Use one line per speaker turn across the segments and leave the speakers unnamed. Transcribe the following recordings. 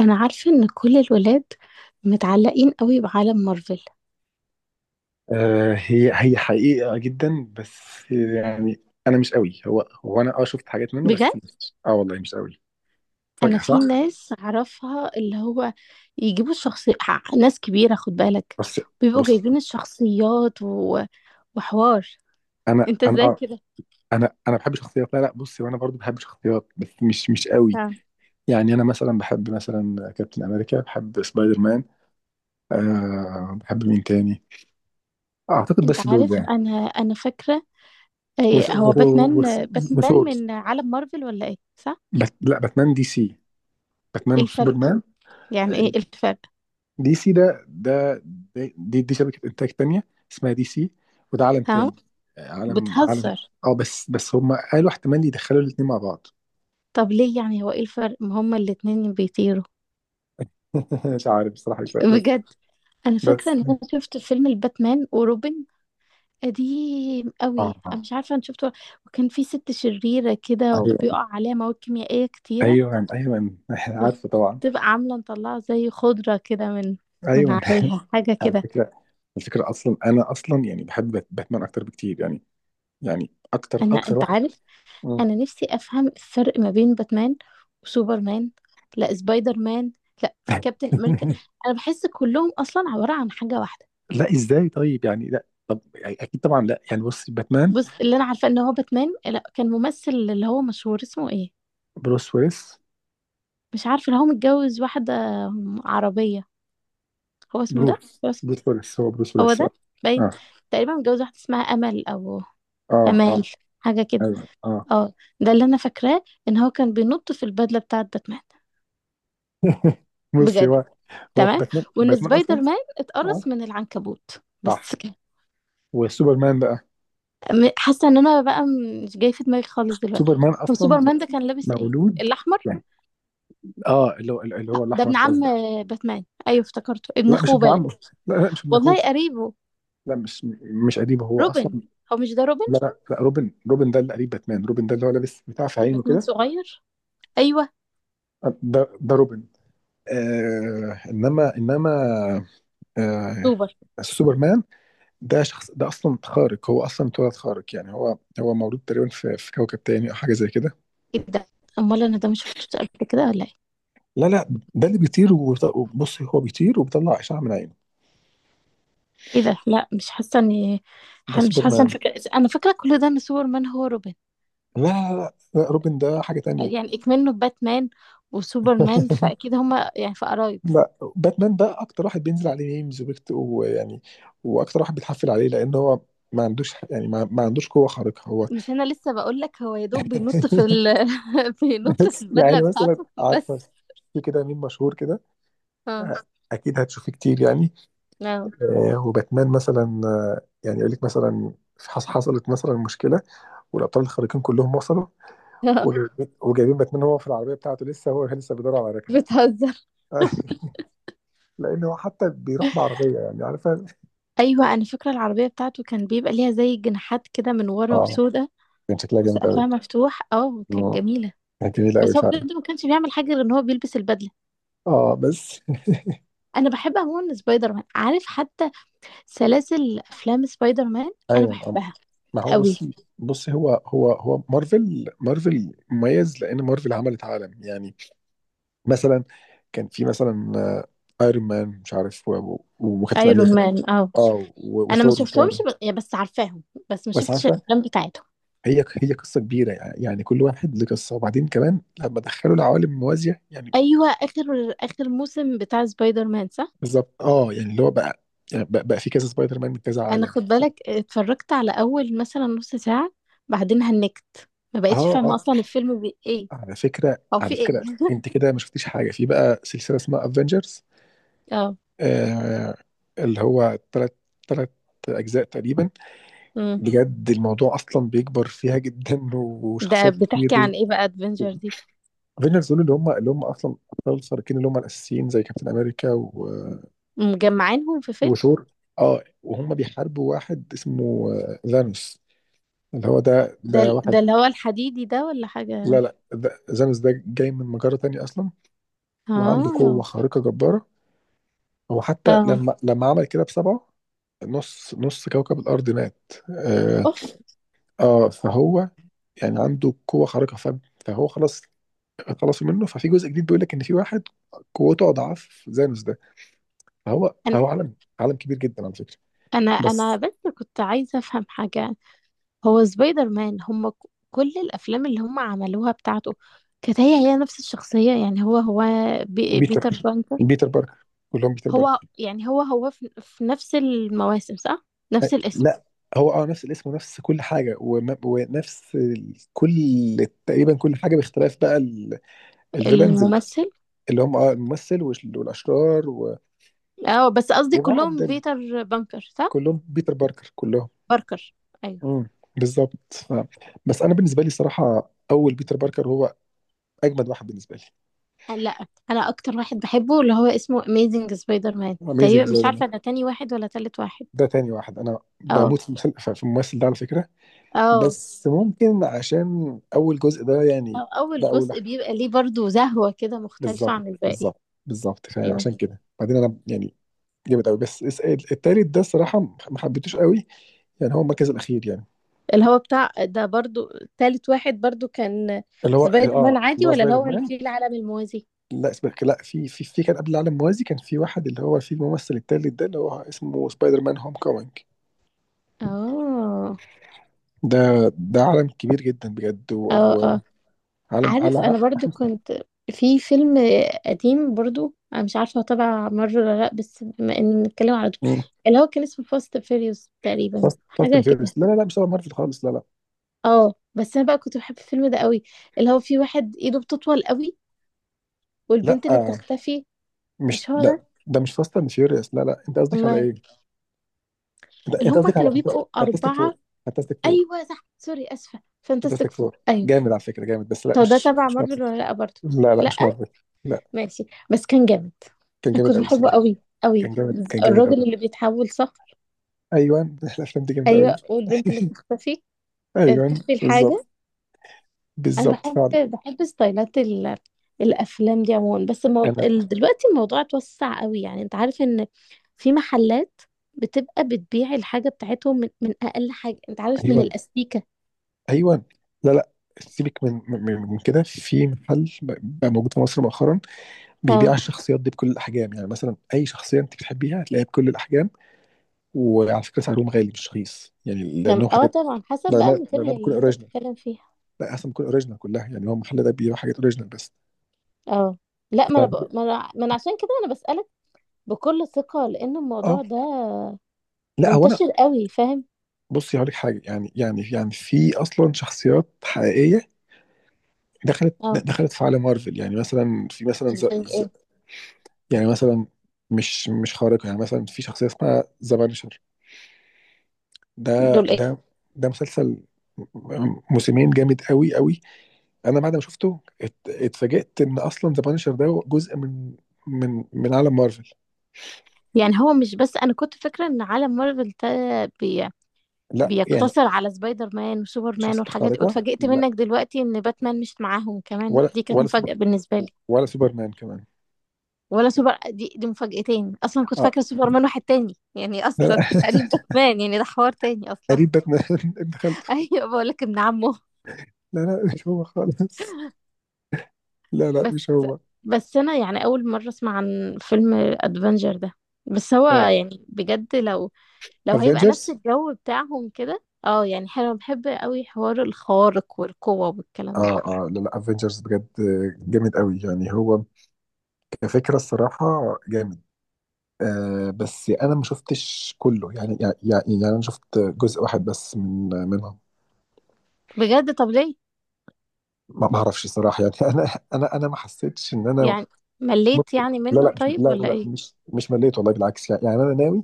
انا عارفه ان كل الولاد متعلقين قوي بعالم مارفل.
آه، هي حقيقة جدا، بس يعني أنا مش قوي. هو أنا شفت حاجات منه، بس
بجد
مش والله مش قوي
انا
فجأة، صح؟
في ناس اعرفها اللي هو يجيبوا الشخصية، ناس كبيره خد بالك،
بس
بيبقوا
بص.
جايبين الشخصيات وحوار.
أنا
انت
أنا
ازاي كده؟
أنا بحب شخصيات. لا لا، بص، وأنا برضو بحب شخصيات بس مش قوي.
آه.
يعني أنا مثلا بحب مثلا كابتن أمريكا، بحب سبايدر مان. بحب مين تاني؟ أعتقد
انت
بس دول
عارف
يعني.
انا فاكره إيه
وث-
هو
وث-
باتمان؟ آه، باتمان
وثور بت.
من عالم مارفل ولا ايه، صح؟
لا، باتمان دي سي. باتمان
ايه الفرق؟
وسوبرمان.
يعني ايه الفرق؟
دي سي دي شبكة إنتاج تانية اسمها دي سي. وده عالم
ها،
تاني. آه، عالم.
بتهزر.
اه بس هم قالوا احتمال يدخلوا الاتنين مع بعض.
طب ليه، يعني هو ايه الفرق؟ ما هما الاتنين بيطيروا.
مش عارف بصراحة، مش فاهم بس
بجد انا فاكره
بس
ان انا شفت فيلم الباتمان وروبن، قديم قوي،
اه
انا مش عارفه انا شفته، وكان في ست شريره كده
ايوه
وبيقع عليها مواد كيميائيه كتيره،
ايوه ايوه. عارفه طبعا.
وبتبقى عامله مطلعه زي خضره كده من، من
ايوه.
عليها حاجه
على
كده.
فكرة، الفكرة اصلا انا اصلا يعني بحب باتمان اكتر بكتير يعني. يعني اكتر
انا
اكتر
انت
واحد.
عارف
مم.
انا نفسي افهم الفرق ما بين باتمان وسوبرمان، لا سبايدر مان، لا في كابتن امريكان. انا بحس كلهم اصلا عباره عن حاجه واحده.
لا ازاي، طيب يعني لا، طب يعني اكيد طبعا، لا يعني بص باتمان.
بص اللي انا عارفه ان هو باتمان، لا كان ممثل اللي هو مشهور اسمه ايه،
بروس ويلس.
مش عارفة، اللي هو متجوز واحدة عربية. هو اسمه ده،
بروس
هو اسمه،
بروس ويلس، هو بروس
هو
ويلس، اه.
ده باين،
اه
تقريبا متجوز واحدة اسمها أمل أو
اه اه،
أمال، حاجة كده.
ايوه، اه.
اه، ده اللي أنا فاكراه إن هو كان بينط في البدلة بتاعة باتمان.
بص،
بجد.
هو
تمام.
باتمان،
وإن
باتمان
سبايدر
اصلا.
مان اتقرص
اه
من العنكبوت
صح.
بس كده.
وسوبرمان بقى،
حاسة إن أنا بقى مش جاي في دماغي خالص دلوقتي.
سوبرمان
هو
اصلا
سوبرمان ده كان لابس إيه؟
مولود
الأحمر.
يعني. اه، اللي هو
ده
الاحمر
ابن عم
الازرق.
آه، باتمان، أيوه افتكرته ابن
لا مش
أخوه
ابن
باين،
عمه. لا لا، مش ابن اخوه.
والله قريبه.
لا، مش قريبه هو
روبن،
اصلا.
هو مش ده روبن؟
لا لا، لا، روبن ده اللي قريب باتمان. روبن ده اللي هو لابس بتاع في عينه
باتمان
كده.
صغير. ايوه.
آه، ده روبن. آه، انما آه.
سوبر.
سوبرمان ده شخص ده اصلا خارق، هو اصلا اتولد خارق يعني. هو مولود تقريبا في كوكب تاني او حاجه زي كده.
ايه ده؟ امال انا ده مش شفتوش قبل كده ولا ايه؟
لا لا، ده اللي بيطير وبص، هو بيطير وبيطلع اشعه من عينه.
ايه ده؟ لا مش حاسه اني،
ده
مش حاسه
سوبرمان.
انا فاكره، انا فاكره كل ده ان سوبرمان هو روبن.
لا لا لا، لا، روبن ده حاجه تانية.
يعني اكمنه باتمان وسوبرمان فاكيد هما يعني في قرايب.
لا، باتمان ده اكتر واحد بينزل عليه ميمز وبيكت ويعني، واكتر واحد بيتحفل عليه لان هو ما عندوش يعني، ما عندوش قوه خارقه هو.
مش انا لسه بقول لك هو يا دوب بينط في بينط في
بس
البدله
يعني مثلا
بتاعته
عارفه،
بس.
في كده ميم مشهور كده
اه.
اكيد هتشوفيه كتير يعني.
اه.
آه، وباتمان مثلا آه، يعني يقول لك مثلا حصلت مثلا مشكله، والابطال الخارقين كلهم وصلوا،
آه.
وجايبين باتمان هو في العربيه بتاعته لسه، هو لسه بيدور على ركنه.
بتهزر.
لان هو حتى بيروح بعربيه يعني، عارفه.
ايوه انا فاكره العربيه بتاعته كان بيبقى ليها زي جناحات كده من ورا
اه
وسودا،
كان شكلها جامد
وسقفها
قوي.
مفتوح، اه كانت جميله.
كانت جميله قوي
بس هو
فعلا.
بجد ما كانش بيعمل حاجه غير ان هو بيلبس البدله.
اه بس.
انا بحب عموما سبايدر مان، عارف حتى سلاسل افلام سبايدر مان، انا
ايوه. آه.
بحبها
ما هو بص،
قوي.
هو مارفل مميز لان مارفل عملت عالم يعني. مثلا كان في مثلا آه، ايرون مان، مش عارف وكابتن
ايرون
امريكا.
مان، اه.
اه
انا ما
وثور والكلام
شفتهمش
ده.
ب... يا بس عارفاهم، بس ما
بس
شفتش
عارفه،
الافلام بتاعتهم.
هي قصه كبيره يعني. كل واحد له قصه، وبعدين كمان لما دخلوا العوالم الموازيه يعني.
ايوه اخر اخر موسم بتاع سبايدر مان، صح؟
بالظبط اه، يعني اللي هو بقى، يعني بقى في كذا سبايدر مان من كذا
انا
عالم.
خد بالك اتفرجت على اول مثلا نص ساعه، بعدين هنكت، ما
اه
بقتش فاهمه
اه،
اصلا الفيلم ايه
على فكره،
او
على
في ايه.
فكره انت كده ما شفتيش حاجه في بقى سلسله اسمها افنجرز.
اه.
آه. اللي هو ثلاث اجزاء تقريبا.
امم
بجد الموضوع اصلا بيكبر فيها جدا،
ده
وشخصيات
بتحكي
كتير.
عن ايه بقى ادفنجر دي؟
افنجرز دول اللي هم، اصلا ابطال الخارقين اللي هم الاساسيين زي كابتن امريكا و...
مجمعينهم في فيلم.
وثور. اه، وهم بيحاربوا واحد اسمه آه، ذانوس اللي هو ده،
ده ده
واحد.
اللي هو الحديدي ده ولا
لا
حاجة؟
لا، ده ذانوس ده جاي من مجرة تانية اصلا. وعنده قوة
اه.
خارقة جبارة. هو حتى
اه.
لما عمل كده بسبعه، نص كوكب الارض مات،
اوف.
آه. فهو يعني عنده قوة خارقة. فهو خلاص. خلصوا منه، ففي جزء جديد بيقول لك ان في واحد قوته اضعاف ذانوس ده. هو
انا
هو عالم كبير جدا على فكره.
انا أنا
بس
بس كنت عايزة افهم حاجة. هو سبايدر مان كل الافلام اللي هم عملوها بتاعته، كانت هي نفس الشخصية، يعني هو
بيتر
بيتر بانتر.
بيتر باركر، كلهم بيتر باركر.
هو يعني هو في, في نفس المواسم صح؟ نفس الاسم،
لا، هو اه نفس الاسم ونفس كل حاجه، ونفس كل، تقريبا كل حاجه، باختلاف بقى الفيلنز.
الممثل.
اللي هم اه الممثل والاشرار
اه بس قصدي
وبعض
كلهم بيتر بانكر صح؟
كلهم بيتر باركر كلهم.
باركر، ايوه.
امم بالظبط بس انا بالنسبه لي صراحه، اول بيتر باركر هو اجمد واحد بالنسبه لي.
لا انا اكتر واحد بحبه اللي هو اسمه اميزنج سبايدر مان
اميزنج
تقريبا، مش
سبايدر مان
عارفه ده تاني واحد ولا تالت واحد.
ده تاني واحد، انا
اه.
بموت في في الممثل ده على فكره.
اه.
بس ممكن عشان اول جزء ده
أو
يعني. ده
اول
اول
جزء بيبقى ليه برضو زهوه كده مختلفه
بالظبط
عن الباقي.
بالظبط بالظبط،
ايوه
فعشان كده بعدين انا يعني جامد قوي. بس التالت ده الصراحه، ما حبيتوش قوي. يعني هو المركز الاخير يعني.
اللي هو بتاع ده برضو، تالت واحد برضو كان
اللي هو
سبايدر
اه،
مان عادي
اللي هو
ولا اللي
سبايدر
هو اللي
مان.
فيه العالم الموازي؟
لا سبايدر، لا في، في كان قبل العالم موازي، كان في واحد اللي هو في الممثل التالت ده اللي هو اسمه سبايدر مان هوم كومينج.
اه.
ده ده عالم كبير جدا بجد،
اه. اه
وعالم
عارف، انا
على.
برضو كنت في فيلم قديم برضو، انا مش عارفه هو تبع مارفل ولا لا، بس بما ان بنتكلم على دول، اللي هو كان اسمه فاست فيريوس تقريبا،
فاست
حاجه
اند
كده.
فيوريوس لا لا لا مش تبع مارفل خالص لا لا.
اه بس انا بقى كنت بحب الفيلم ده قوي، اللي هو في واحد ايده بتطول قوي،
لا
والبنت اللي
آه،
بتختفي.
مش
مش هو ده؟
ده مش فاست اند فيوريوس لا لا. انت قصدك على
امال؟
ايه؟ انت
اللي
انت
هم
قصدك على
كانوا بيبقوا
فانتاستيك
اربعه.
فور. فانتاستيك فور،
ايوه صح، سوري اسفه فانتاستيك
فانتاستيك
فور،
فور
ايوه.
جامد على فكره. جامد، بس لا
هو ده تبع
مش مارفل.
مارفل ولا لا برضو؟
لا لا
لا.
مش مارفل لا.
ماشي، بس كان جامد،
كان
انا
جامد
كنت
قوي
بحبه
الصراحه.
قوي
كان
قوي.
جامد، كان جامد
الراجل
قوي.
اللي بيتحول صح؟
ايوه. الافلام دي جامده قوي.
ايوه والبنت اللي بتختفي،
ايوه.
بتخفي الحاجه.
بالظبط
انا
بالظبط
بحب
فعلا.
بحب ستايلات الافلام دي عموما، بس
انا
دلوقتي الموضوع اتوسع قوي، يعني انت عارف ان في محلات بتبقى بتبيع الحاجه بتاعتهم من, من اقل حاجه، انت عارف من
ايوه
الاستيكه.
ايوه. لا لا. سيبك من من كده، في محل بقى موجود في مصر مؤخرا بيبيع
اه.
الشخصيات دي بكل الاحجام، يعني مثلا اي شخصيه انت بتحبيها هتلاقيها بكل الاحجام. وعلى فكره سعرهم غالي مش رخيص، يعني
كان
لانهم
اه
حاجات،
طبعا حسب بقى
لانها
الماتيريال
بتكون
اللي انت
اوريجينال.
بتتكلم فيها.
لا اصلا بتكون اوريجينال كلها، يعني هو المحل ده بيبيع حاجات اوريجينال بس.
اه. لا
ف...
ما انا ب... ما انا ما أنا عشان كده انا بسالك بكل ثقه لان
اه،
الموضوع ده
لا هو انا،
منتشر قوي، فاهم؟
بصي هقول لك حاجه يعني، يعني في اصلا شخصيات حقيقيه
اه.
دخلت في عالم مارفل، يعني مثلا في مثلا ز...
دول
ز...
ايه؟
يعني مثلا مش خارقه، يعني مثلا في شخصيه اسمها ذا بانشر. ده
دول ايه؟
ده ده مسلسل موسمين جامد قوي قوي. انا بعد ما شفته اتفاجئت ان اصلا ذا بانشر ده جزء من، من عالم مارفل.
يعني هو مش بس، انا كنت فاكره ان عالم مارفل ده بي...
لا يعني
بيقتصر على سبايدر مان وسوبر مان
شخصية
والحاجات دي،
خارقة.
واتفاجئت
لا
منك دلوقتي ان باتمان مش معاهم كمان،
ولا،
دي كانت
سوبر،
مفاجاه بالنسبه لي.
ولا سوبرمان كمان.
ولا سوبر، دي مفاجأتين، اصلا كنت
اه
فاكره سوبر مان واحد تاني يعني
لا لا.
اصلا قريب باتمان، يعني ده حوار تاني اصلا.
قريب باتمان. ابن خالته.
ايوه بقول لك ابن عمه.
لا لا مش هو خالص. لا لا
بس،
مش هو.
بس انا يعني اول مره اسمع عن فيلم ادفنجر ده، بس هو
افنجرز.
يعني بجد لو، لو
اه.
هيبقى نفس
Avengers؟
الجو بتاعهم كده، اه يعني حلو، بحب قوي حوار الخوارق والقوة والكلام ده.
اه آه، لا لا افنجرز بجد جامد قوي يعني. هو كفكرة الصراحة جامد. آه بس انا ما شفتش كله يعني، يعني انا شفت جزء واحد بس من،
بجد؟ طب ليه؟
ما بعرفش صراحة يعني. أنا ما حسيتش إن أنا.
يعني مليت
ممكن.
يعني
لا
منه
لا
طيب
لا
ولا
لا
ايه؟
مش مليت، والله بالعكس، يعني، أنا ناوي.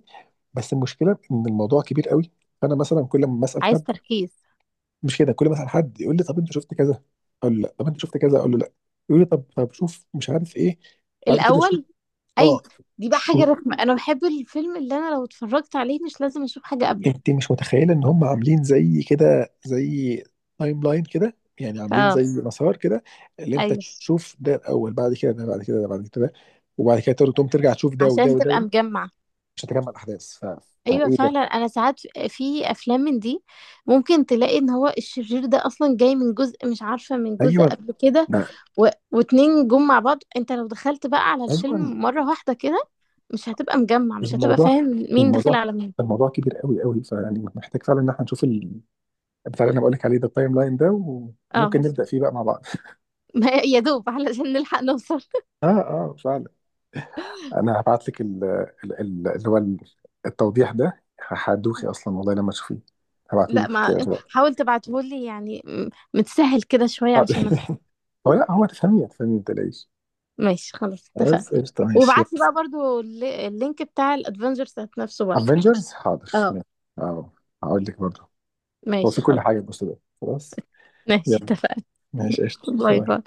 بس المشكلة إن الموضوع كبير قوي. فأنا مثلا كل ما أسأل
عايز
حد.
تركيز
مش كده، كل ما أسأل حد يقول لي طب أنت شفت كذا، أقول له لا. طب أنت شفت كذا، أقول له لا. يقول لي طب شوف مش عارف إيه، بعد كده شوف.
الاول. ايوه.
أه.
دي بقى حاجة
شو
رخمة، انا بحب الفيلم اللي انا لو اتفرجت عليه مش لازم اشوف حاجة قبله.
انت مش متخيله ان هم عاملين زي كده، زي تايم لاين كده، يعني عاملين
اه.
زي مسار كده، اللي انت
ايوه
تشوف ده الاول، بعد كده ده، بعد كده ده، بعد كده ده، وبعد كده تقدر تقوم ترجع تشوف ده وده
عشان
وده
تبقى
وده،
مجمع.
مش هتجمع الاحداث ف...
ايوه
فايه ده.
فعلا انا ساعات في في افلام من دي، ممكن تلاقي ان هو الشرير ده اصلا جاي من جزء، مش عارفه من جزء
ايوه
قبل كده،
ده
واتنين جم مع بعض، انت لو دخلت بقى على
ايوه.
الفيلم مره واحده كده، مش هتبقى مجمع، مش هتبقى
الموضوع
فاهم مين داخل
الموضوع
على مين.
الموضوع كبير قوي قوي. فيعني محتاج فعلا ان احنا نشوف بتاع، اللي انا بقول لك عليه ده، التايم لاين ده. وممكن
اه.
نبدا فيه بقى مع بعض.
ما يا دوب علشان نلحق نوصل.
اه اه فعلا. انا هبعت لك ال- ال- اللي هو ال- التوضيح ده. هدوخي اصلا والله لما تشوفيه. هبعته
لا
لك
ما
دلوقتي.
حاول تبعتهولي يعني، متسهل كده شويه
آه.
علشان ما-.
هو لا، هو تفهميه تفهميه ما تقلقيش.
ماشي خلاص اتفقنا.
خلاص قشطة ماشي.
وابعت لي بقى برضو اللينك بتاع الادفنجرز نفسه برضو.
افنجرز حاضر
اه.
ماشي. اه هقول لك برضه. هو
ماشي
في كل
خلاص.
حاجه، بص ده خلاص.
ماشي
يلا،
اتفقنا.
ماشي قشطة،
باي
باي.
باي.